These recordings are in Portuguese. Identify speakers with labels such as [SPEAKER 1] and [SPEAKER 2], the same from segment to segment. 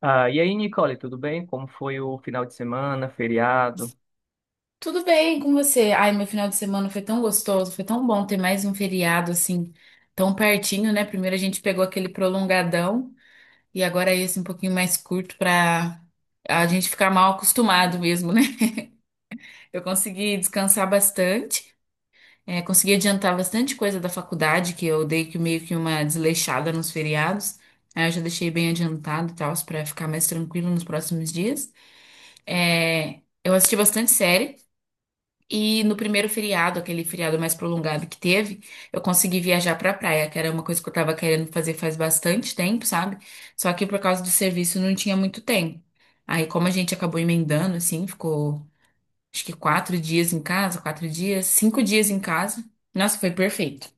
[SPEAKER 1] Ah, e aí, Nicole, tudo bem? Como foi o final de semana, feriado?
[SPEAKER 2] Tudo bem com você? Ai, meu final de semana foi tão gostoso, foi tão bom ter mais um feriado assim, tão pertinho, né? Primeiro a gente pegou aquele prolongadão e agora é esse um pouquinho mais curto pra a gente ficar mal acostumado mesmo, né? Eu consegui descansar bastante, consegui adiantar bastante coisa da faculdade, que eu dei que meio que uma desleixada nos feriados. Aí eu já deixei bem adiantado e tal, pra ficar mais tranquilo nos próximos dias. É, eu assisti bastante série. E no primeiro feriado, aquele feriado mais prolongado que teve, eu consegui viajar pra praia, que era uma coisa que eu tava querendo fazer faz bastante tempo, sabe? Só que por causa do serviço não tinha muito tempo. Aí, como a gente acabou emendando, assim, ficou acho que 4 dias em casa, 4 dias, 5 dias em casa. Nossa, foi perfeito.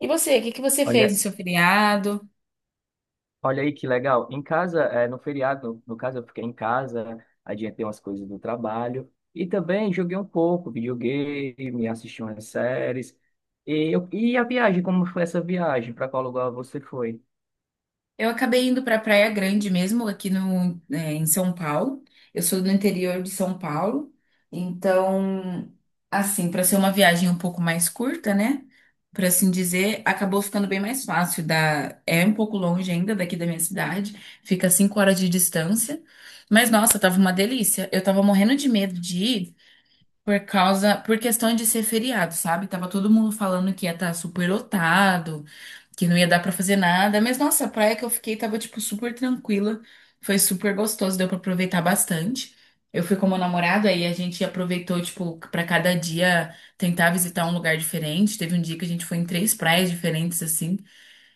[SPEAKER 2] E você, o que que você fez
[SPEAKER 1] Olha,
[SPEAKER 2] no seu feriado?
[SPEAKER 1] olha aí que legal. Em casa, no feriado, no caso, eu fiquei em casa, adiantei umas coisas do trabalho e também joguei um pouco, videogame, assisti umas séries. E, e a viagem, como foi essa viagem? Para qual lugar você foi?
[SPEAKER 2] Eu acabei indo para Praia Grande mesmo, aqui no, é, em São Paulo. Eu sou do interior de São Paulo, então, assim, para ser uma viagem um pouco mais curta, né? Por assim dizer, acabou ficando bem mais fácil. É um pouco longe ainda daqui da minha cidade, fica 5 horas de distância. Mas nossa, tava uma delícia. Eu tava morrendo de medo de ir por causa, por questão de ser feriado, sabe? Tava todo mundo falando que ia estar super lotado, que não ia dar pra fazer nada. Mas nossa, a praia que eu fiquei tava tipo super tranquila. Foi super gostoso, deu pra aproveitar bastante. Eu fui com meu namorado aí a gente aproveitou tipo pra cada dia tentar visitar um lugar diferente. Teve um dia que a gente foi em três praias diferentes assim.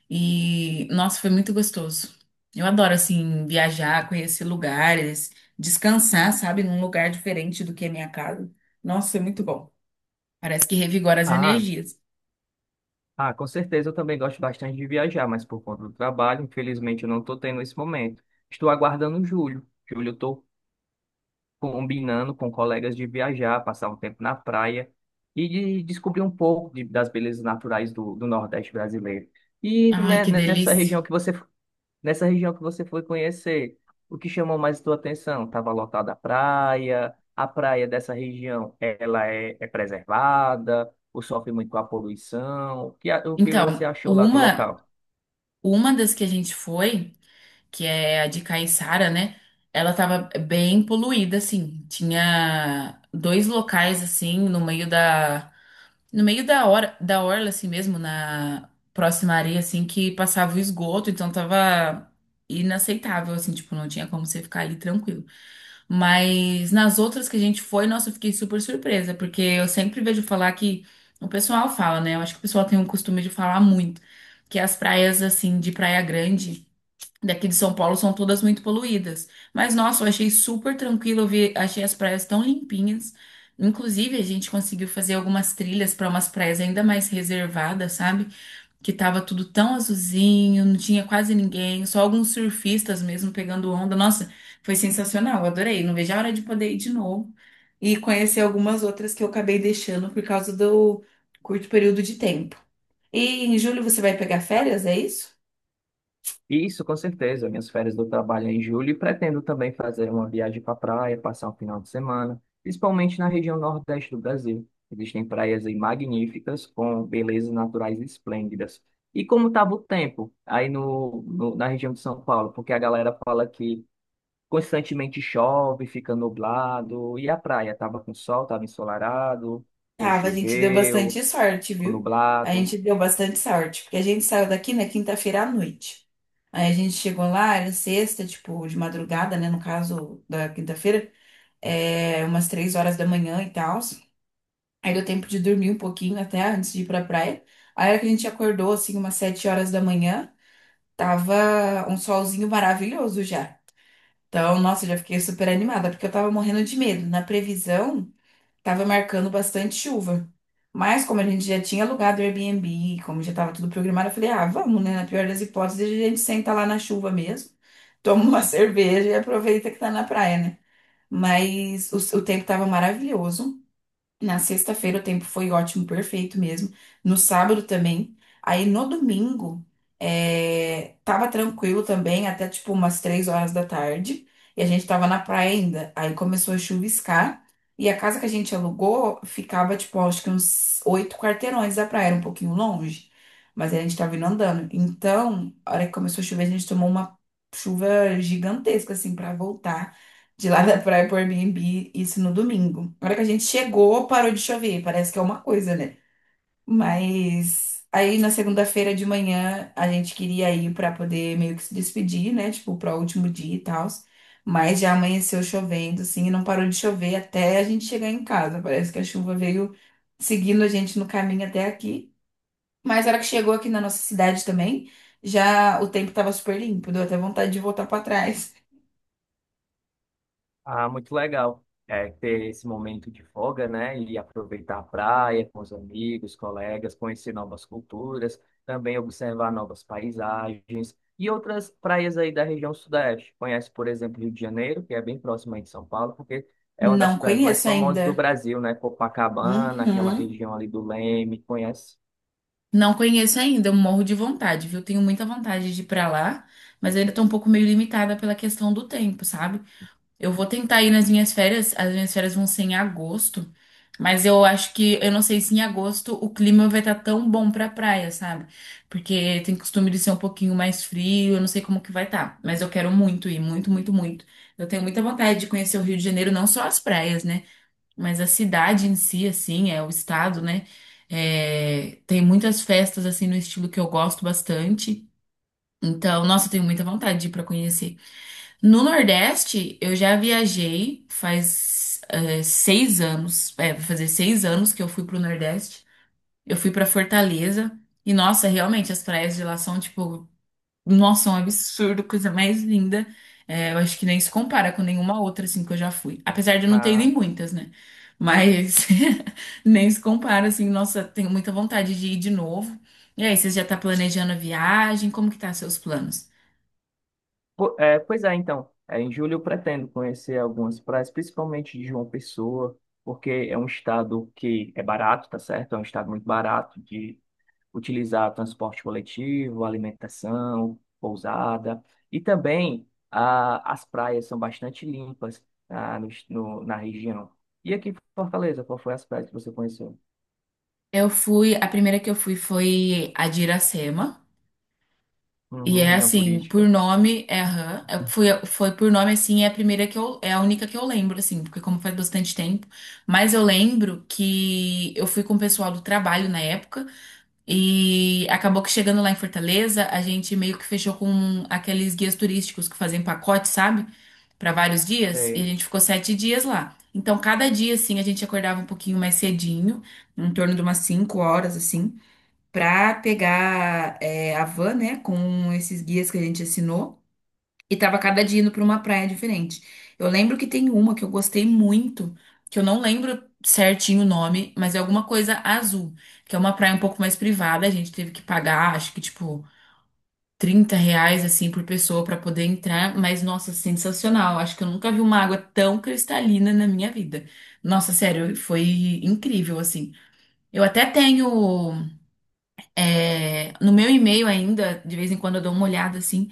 [SPEAKER 2] E, nossa, foi muito gostoso. Eu adoro, assim, viajar, conhecer lugares, descansar, sabe, num lugar diferente do que a minha casa. Nossa, é muito bom. Parece que revigora as
[SPEAKER 1] Ah,
[SPEAKER 2] energias.
[SPEAKER 1] ah, com certeza eu também gosto bastante de viajar, mas por conta do trabalho, infelizmente eu não estou tendo esse momento. Estou aguardando julho. Julho eu estou combinando com colegas de viajar, passar um tempo na praia e de descobrir um pouco das belezas naturais do Nordeste brasileiro. E
[SPEAKER 2] Ai,
[SPEAKER 1] né,
[SPEAKER 2] que delícia.
[SPEAKER 1] nessa região que você foi conhecer, o que chamou mais sua atenção? Estava lotada a praia dessa região, ela é preservada, ou sofre muito com a poluição? O que, o que você
[SPEAKER 2] Então,
[SPEAKER 1] achou lá do
[SPEAKER 2] uma,
[SPEAKER 1] local?
[SPEAKER 2] uma das que a gente foi, que é a de Caiçara, né? Ela tava bem poluída, assim. Tinha dois locais, assim, no meio da hora, da orla, assim mesmo, na próxima areia, assim, que passava o esgoto, então tava inaceitável, assim, tipo, não tinha como você ficar ali tranquilo. Mas nas outras que a gente foi, nossa, eu fiquei super surpresa, porque eu sempre vejo falar que o pessoal fala, né? Eu acho que o pessoal tem um costume de falar muito, que as praias, assim, de Praia Grande daqui de São Paulo são todas muito poluídas. Mas, nossa, eu achei super tranquilo, eu vi, achei as praias tão limpinhas. Inclusive, a gente conseguiu fazer algumas trilhas para umas praias ainda mais reservadas, sabe? Que tava tudo tão azulzinho, não tinha quase ninguém, só alguns surfistas mesmo pegando onda. Nossa, foi sensacional, eu adorei. Não vejo a hora de poder ir de novo e conhecer algumas outras que eu acabei deixando por causa do curto período de tempo. E em julho você vai pegar férias, é isso?
[SPEAKER 1] Isso, com certeza. Minhas férias do trabalho é em julho e pretendo também fazer uma viagem para a praia, passar um final de semana, principalmente na região nordeste do Brasil. Existem praias aí magníficas, com belezas naturais esplêndidas. E como estava o tempo aí na região de São Paulo? Porque a galera fala que constantemente chove, fica nublado, e a praia estava com sol, estava ensolarado, ou
[SPEAKER 2] Tava, a gente deu
[SPEAKER 1] choveu,
[SPEAKER 2] bastante sorte,
[SPEAKER 1] ou
[SPEAKER 2] viu? A
[SPEAKER 1] nublado.
[SPEAKER 2] gente deu bastante sorte, porque a gente saiu daqui na quinta-feira à noite. Aí a gente chegou lá, era sexta, tipo, de madrugada, né? No caso da quinta-feira, umas 3 horas da manhã e tal. Aí deu tempo de dormir um pouquinho até antes de ir pra praia. Aí a hora que a gente acordou, assim, umas 7 horas da manhã, tava um solzinho maravilhoso já. Então, nossa, eu já fiquei super animada, porque eu tava morrendo de medo. Na previsão. Tava marcando bastante chuva. Mas como a gente já tinha alugado o Airbnb, como já tava tudo programado, eu falei, ah, vamos, né? Na pior das hipóteses, a gente senta lá na chuva mesmo, toma uma cerveja e aproveita que tá na praia, né? Mas o tempo tava maravilhoso. Na sexta-feira o tempo foi ótimo, perfeito mesmo. No sábado também. Aí no domingo, tava tranquilo também, até tipo umas 3 horas da tarde. E a gente tava na praia ainda. Aí começou a chuviscar. E a casa que a gente alugou ficava, tipo, acho que uns 8 quarteirões da praia, era um pouquinho longe. Mas a gente tava indo andando. Então, a hora que começou a chover, a gente tomou uma chuva gigantesca, assim, pra voltar. De lá da praia pro Airbnb, isso no domingo. Na hora que a gente chegou, parou de chover. Parece que é uma coisa, né? Mas aí na segunda-feira de manhã, a gente queria ir pra poder meio que se despedir, né? Tipo, para o último dia e tal. Mas já amanheceu chovendo, assim, e não parou de chover até a gente chegar em casa. Parece que a chuva veio seguindo a gente no caminho até aqui. Mas na hora que chegou aqui na nossa cidade também, já o tempo tava super limpo. Deu até vontade de voltar pra trás.
[SPEAKER 1] Ah, muito legal. É, ter esse momento de folga, né? E aproveitar a praia com os amigos, colegas, conhecer novas culturas, também observar novas paisagens e outras praias aí da região sudeste. Conhece, por exemplo, Rio de Janeiro, que é bem próximo aí de São Paulo, porque é uma das
[SPEAKER 2] Não
[SPEAKER 1] praias mais
[SPEAKER 2] conheço
[SPEAKER 1] famosas do
[SPEAKER 2] ainda.
[SPEAKER 1] Brasil, né? Copacabana, aquela
[SPEAKER 2] Uhum.
[SPEAKER 1] região ali do Leme, conhece?
[SPEAKER 2] Não conheço ainda, eu morro de vontade, viu? Tenho muita vontade de ir pra lá, mas ainda tô um pouco meio limitada pela questão do tempo, sabe? Eu vou tentar ir nas minhas férias, as minhas férias vão ser em agosto, mas eu acho que, eu não sei se em agosto o clima vai estar tão bom pra praia, sabe? Porque tem costume de ser um pouquinho mais frio, eu não sei como que vai estar, mas eu quero muito ir, muito, muito, muito. Eu tenho muita vontade de conhecer o Rio de Janeiro, não só as praias, né? Mas a cidade em si, assim, é o estado, né? É, tem muitas festas, assim, no estilo que eu gosto bastante. Então, nossa, eu tenho muita vontade de ir pra conhecer. No Nordeste, eu já viajei faz 6 anos. É, vai fazer 6 anos que eu fui pro Nordeste. Eu fui pra Fortaleza. E, nossa, realmente, as praias de lá são, tipo, nossa, é um absurdo, coisa mais linda. É, eu acho que nem se compara com nenhuma outra, assim, que eu já fui. Apesar de eu não ter ido em
[SPEAKER 1] Ah,
[SPEAKER 2] muitas, né? Mas nem se compara, assim. Nossa, tenho muita vontade de ir de novo. E aí, você já tá planejando a viagem? Como que tá seus planos?
[SPEAKER 1] Pois é, então. É, em julho eu pretendo conhecer algumas praias, principalmente de João Pessoa, porque é um estado que é barato, tá certo? É um estado muito barato de utilizar transporte coletivo, alimentação, pousada. E também as praias são bastante limpas na região. E aqui em Fortaleza, qual foi as praias que você conheceu?
[SPEAKER 2] Eu fui, a primeira que eu fui foi a de Iracema. E
[SPEAKER 1] Uhum,
[SPEAKER 2] é
[SPEAKER 1] região
[SPEAKER 2] assim, por
[SPEAKER 1] turística.
[SPEAKER 2] nome, é aham. Eu fui, foi por nome assim, é a primeira que eu, é a única que eu lembro, assim, porque como faz bastante tempo. Mas eu lembro que eu fui com o pessoal do trabalho na época e acabou que chegando lá em Fortaleza, a gente meio que fechou com aqueles guias turísticos que fazem pacote, sabe? Pra vários dias, e a
[SPEAKER 1] Sei.
[SPEAKER 2] gente ficou 7 dias lá. Então, cada dia, assim, a gente acordava um pouquinho mais cedinho, em torno de umas 5 horas, assim para pegar a van, né, com esses guias que a gente assinou, e tava cada dia indo para uma praia diferente. Eu lembro que tem uma que eu gostei muito, que eu não lembro certinho o nome, mas é alguma coisa azul, que é uma praia um pouco mais privada, a gente teve que pagar, acho que tipo R$ 30 assim por pessoa para poder entrar, mas nossa, sensacional. Acho que eu nunca vi uma água tão cristalina na minha vida. Nossa, sério, foi incrível assim. Eu até tenho. No meu e-mail ainda, de vez em quando eu dou uma olhada assim,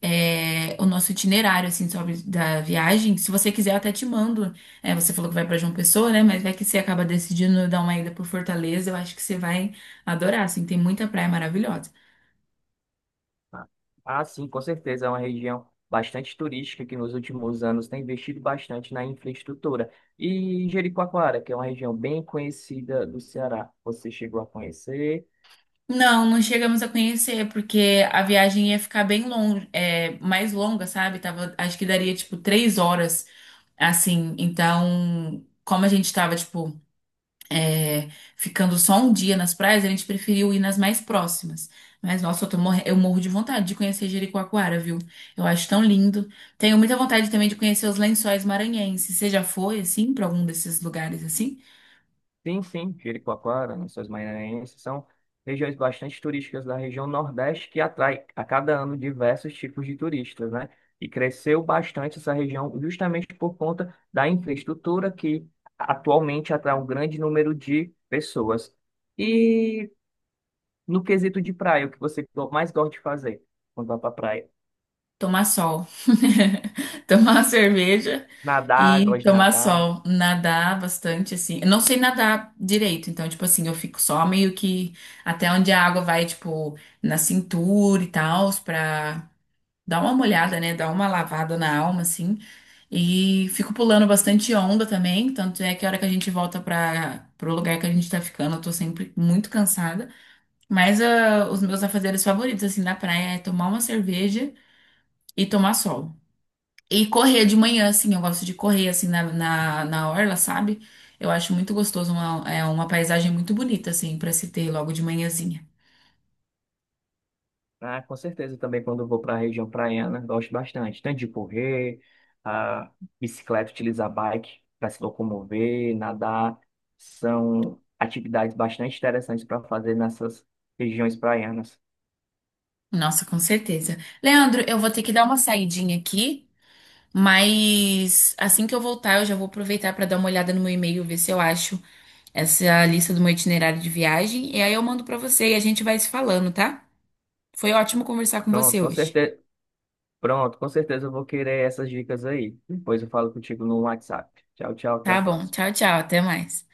[SPEAKER 2] o nosso itinerário assim sobre da viagem. Se você quiser, eu até te mando. É, você falou que vai para João Pessoa, né? Mas vai que você acaba decidindo dar uma ida por Fortaleza. Eu acho que você vai adorar, assim, tem muita praia maravilhosa.
[SPEAKER 1] Ah, sim, com certeza. É uma região bastante turística que nos últimos anos tem investido bastante na infraestrutura. E Jericoacoara, que é uma região bem conhecida do Ceará. Você chegou a conhecer?
[SPEAKER 2] Não, não chegamos a conhecer, porque a viagem ia ficar bem longe, mais longa, sabe? Tava, acho que daria tipo 3 horas, assim. Então, como a gente tava, tipo é, ficando só um dia nas praias, a gente preferiu ir nas mais próximas. Mas, nossa, eu morro de vontade de conhecer Jericoacoara, viu? Eu acho tão lindo. Tenho muita vontade também de conhecer os Lençóis Maranhenses. Você já foi, assim, pra algum desses lugares, assim?
[SPEAKER 1] Sim, sim, Jericoacoara, Lençóis Maranhenses, são regiões bastante turísticas da região Nordeste que atrai a cada ano diversos tipos de turistas, né? E cresceu bastante essa região justamente por conta da infraestrutura que atualmente atrai um grande número de pessoas. E no quesito de praia, o que você mais gosta de fazer quando vai pra praia?
[SPEAKER 2] Tomar sol, tomar cerveja
[SPEAKER 1] Nadar,
[SPEAKER 2] e
[SPEAKER 1] gosto de
[SPEAKER 2] tomar
[SPEAKER 1] nadar.
[SPEAKER 2] sol, nadar bastante, assim. Eu não sei nadar direito, então, tipo assim, eu fico só meio que até onde a água vai, tipo, na cintura e tal, pra. Dá uma molhada, né? Dá uma lavada na alma, assim. E fico pulando bastante onda também. Tanto é que a hora que a gente volta para pro lugar que a gente tá ficando, eu tô sempre muito cansada. Mas ah, os meus afazeres favoritos, assim, da praia é tomar uma cerveja e tomar sol. E correr de manhã, assim. Eu gosto de correr, assim, na orla, sabe? Eu acho muito gostoso. Uma, é uma paisagem muito bonita, assim, pra se ter logo de manhãzinha.
[SPEAKER 1] Ah, com certeza também quando eu vou para a região praiana, gosto bastante. Tanto de correr, a bicicleta, utilizar bike para se locomover, nadar. São atividades bastante interessantes para fazer nessas regiões praianas.
[SPEAKER 2] Nossa, com certeza. Leandro, eu vou ter que dar uma saidinha aqui. Mas assim que eu voltar, eu já vou aproveitar para dar uma olhada no meu e-mail, ver se eu acho essa lista do meu itinerário de viagem. E aí eu mando para você e a gente vai se falando, tá? Foi ótimo conversar com
[SPEAKER 1] Pronto,
[SPEAKER 2] você
[SPEAKER 1] com
[SPEAKER 2] hoje.
[SPEAKER 1] certeza, pronto, com certeza eu vou querer essas dicas aí. Depois eu falo contigo no WhatsApp. Tchau, tchau, até a
[SPEAKER 2] Tá bom. Tchau,
[SPEAKER 1] próxima.
[SPEAKER 2] tchau. Até mais.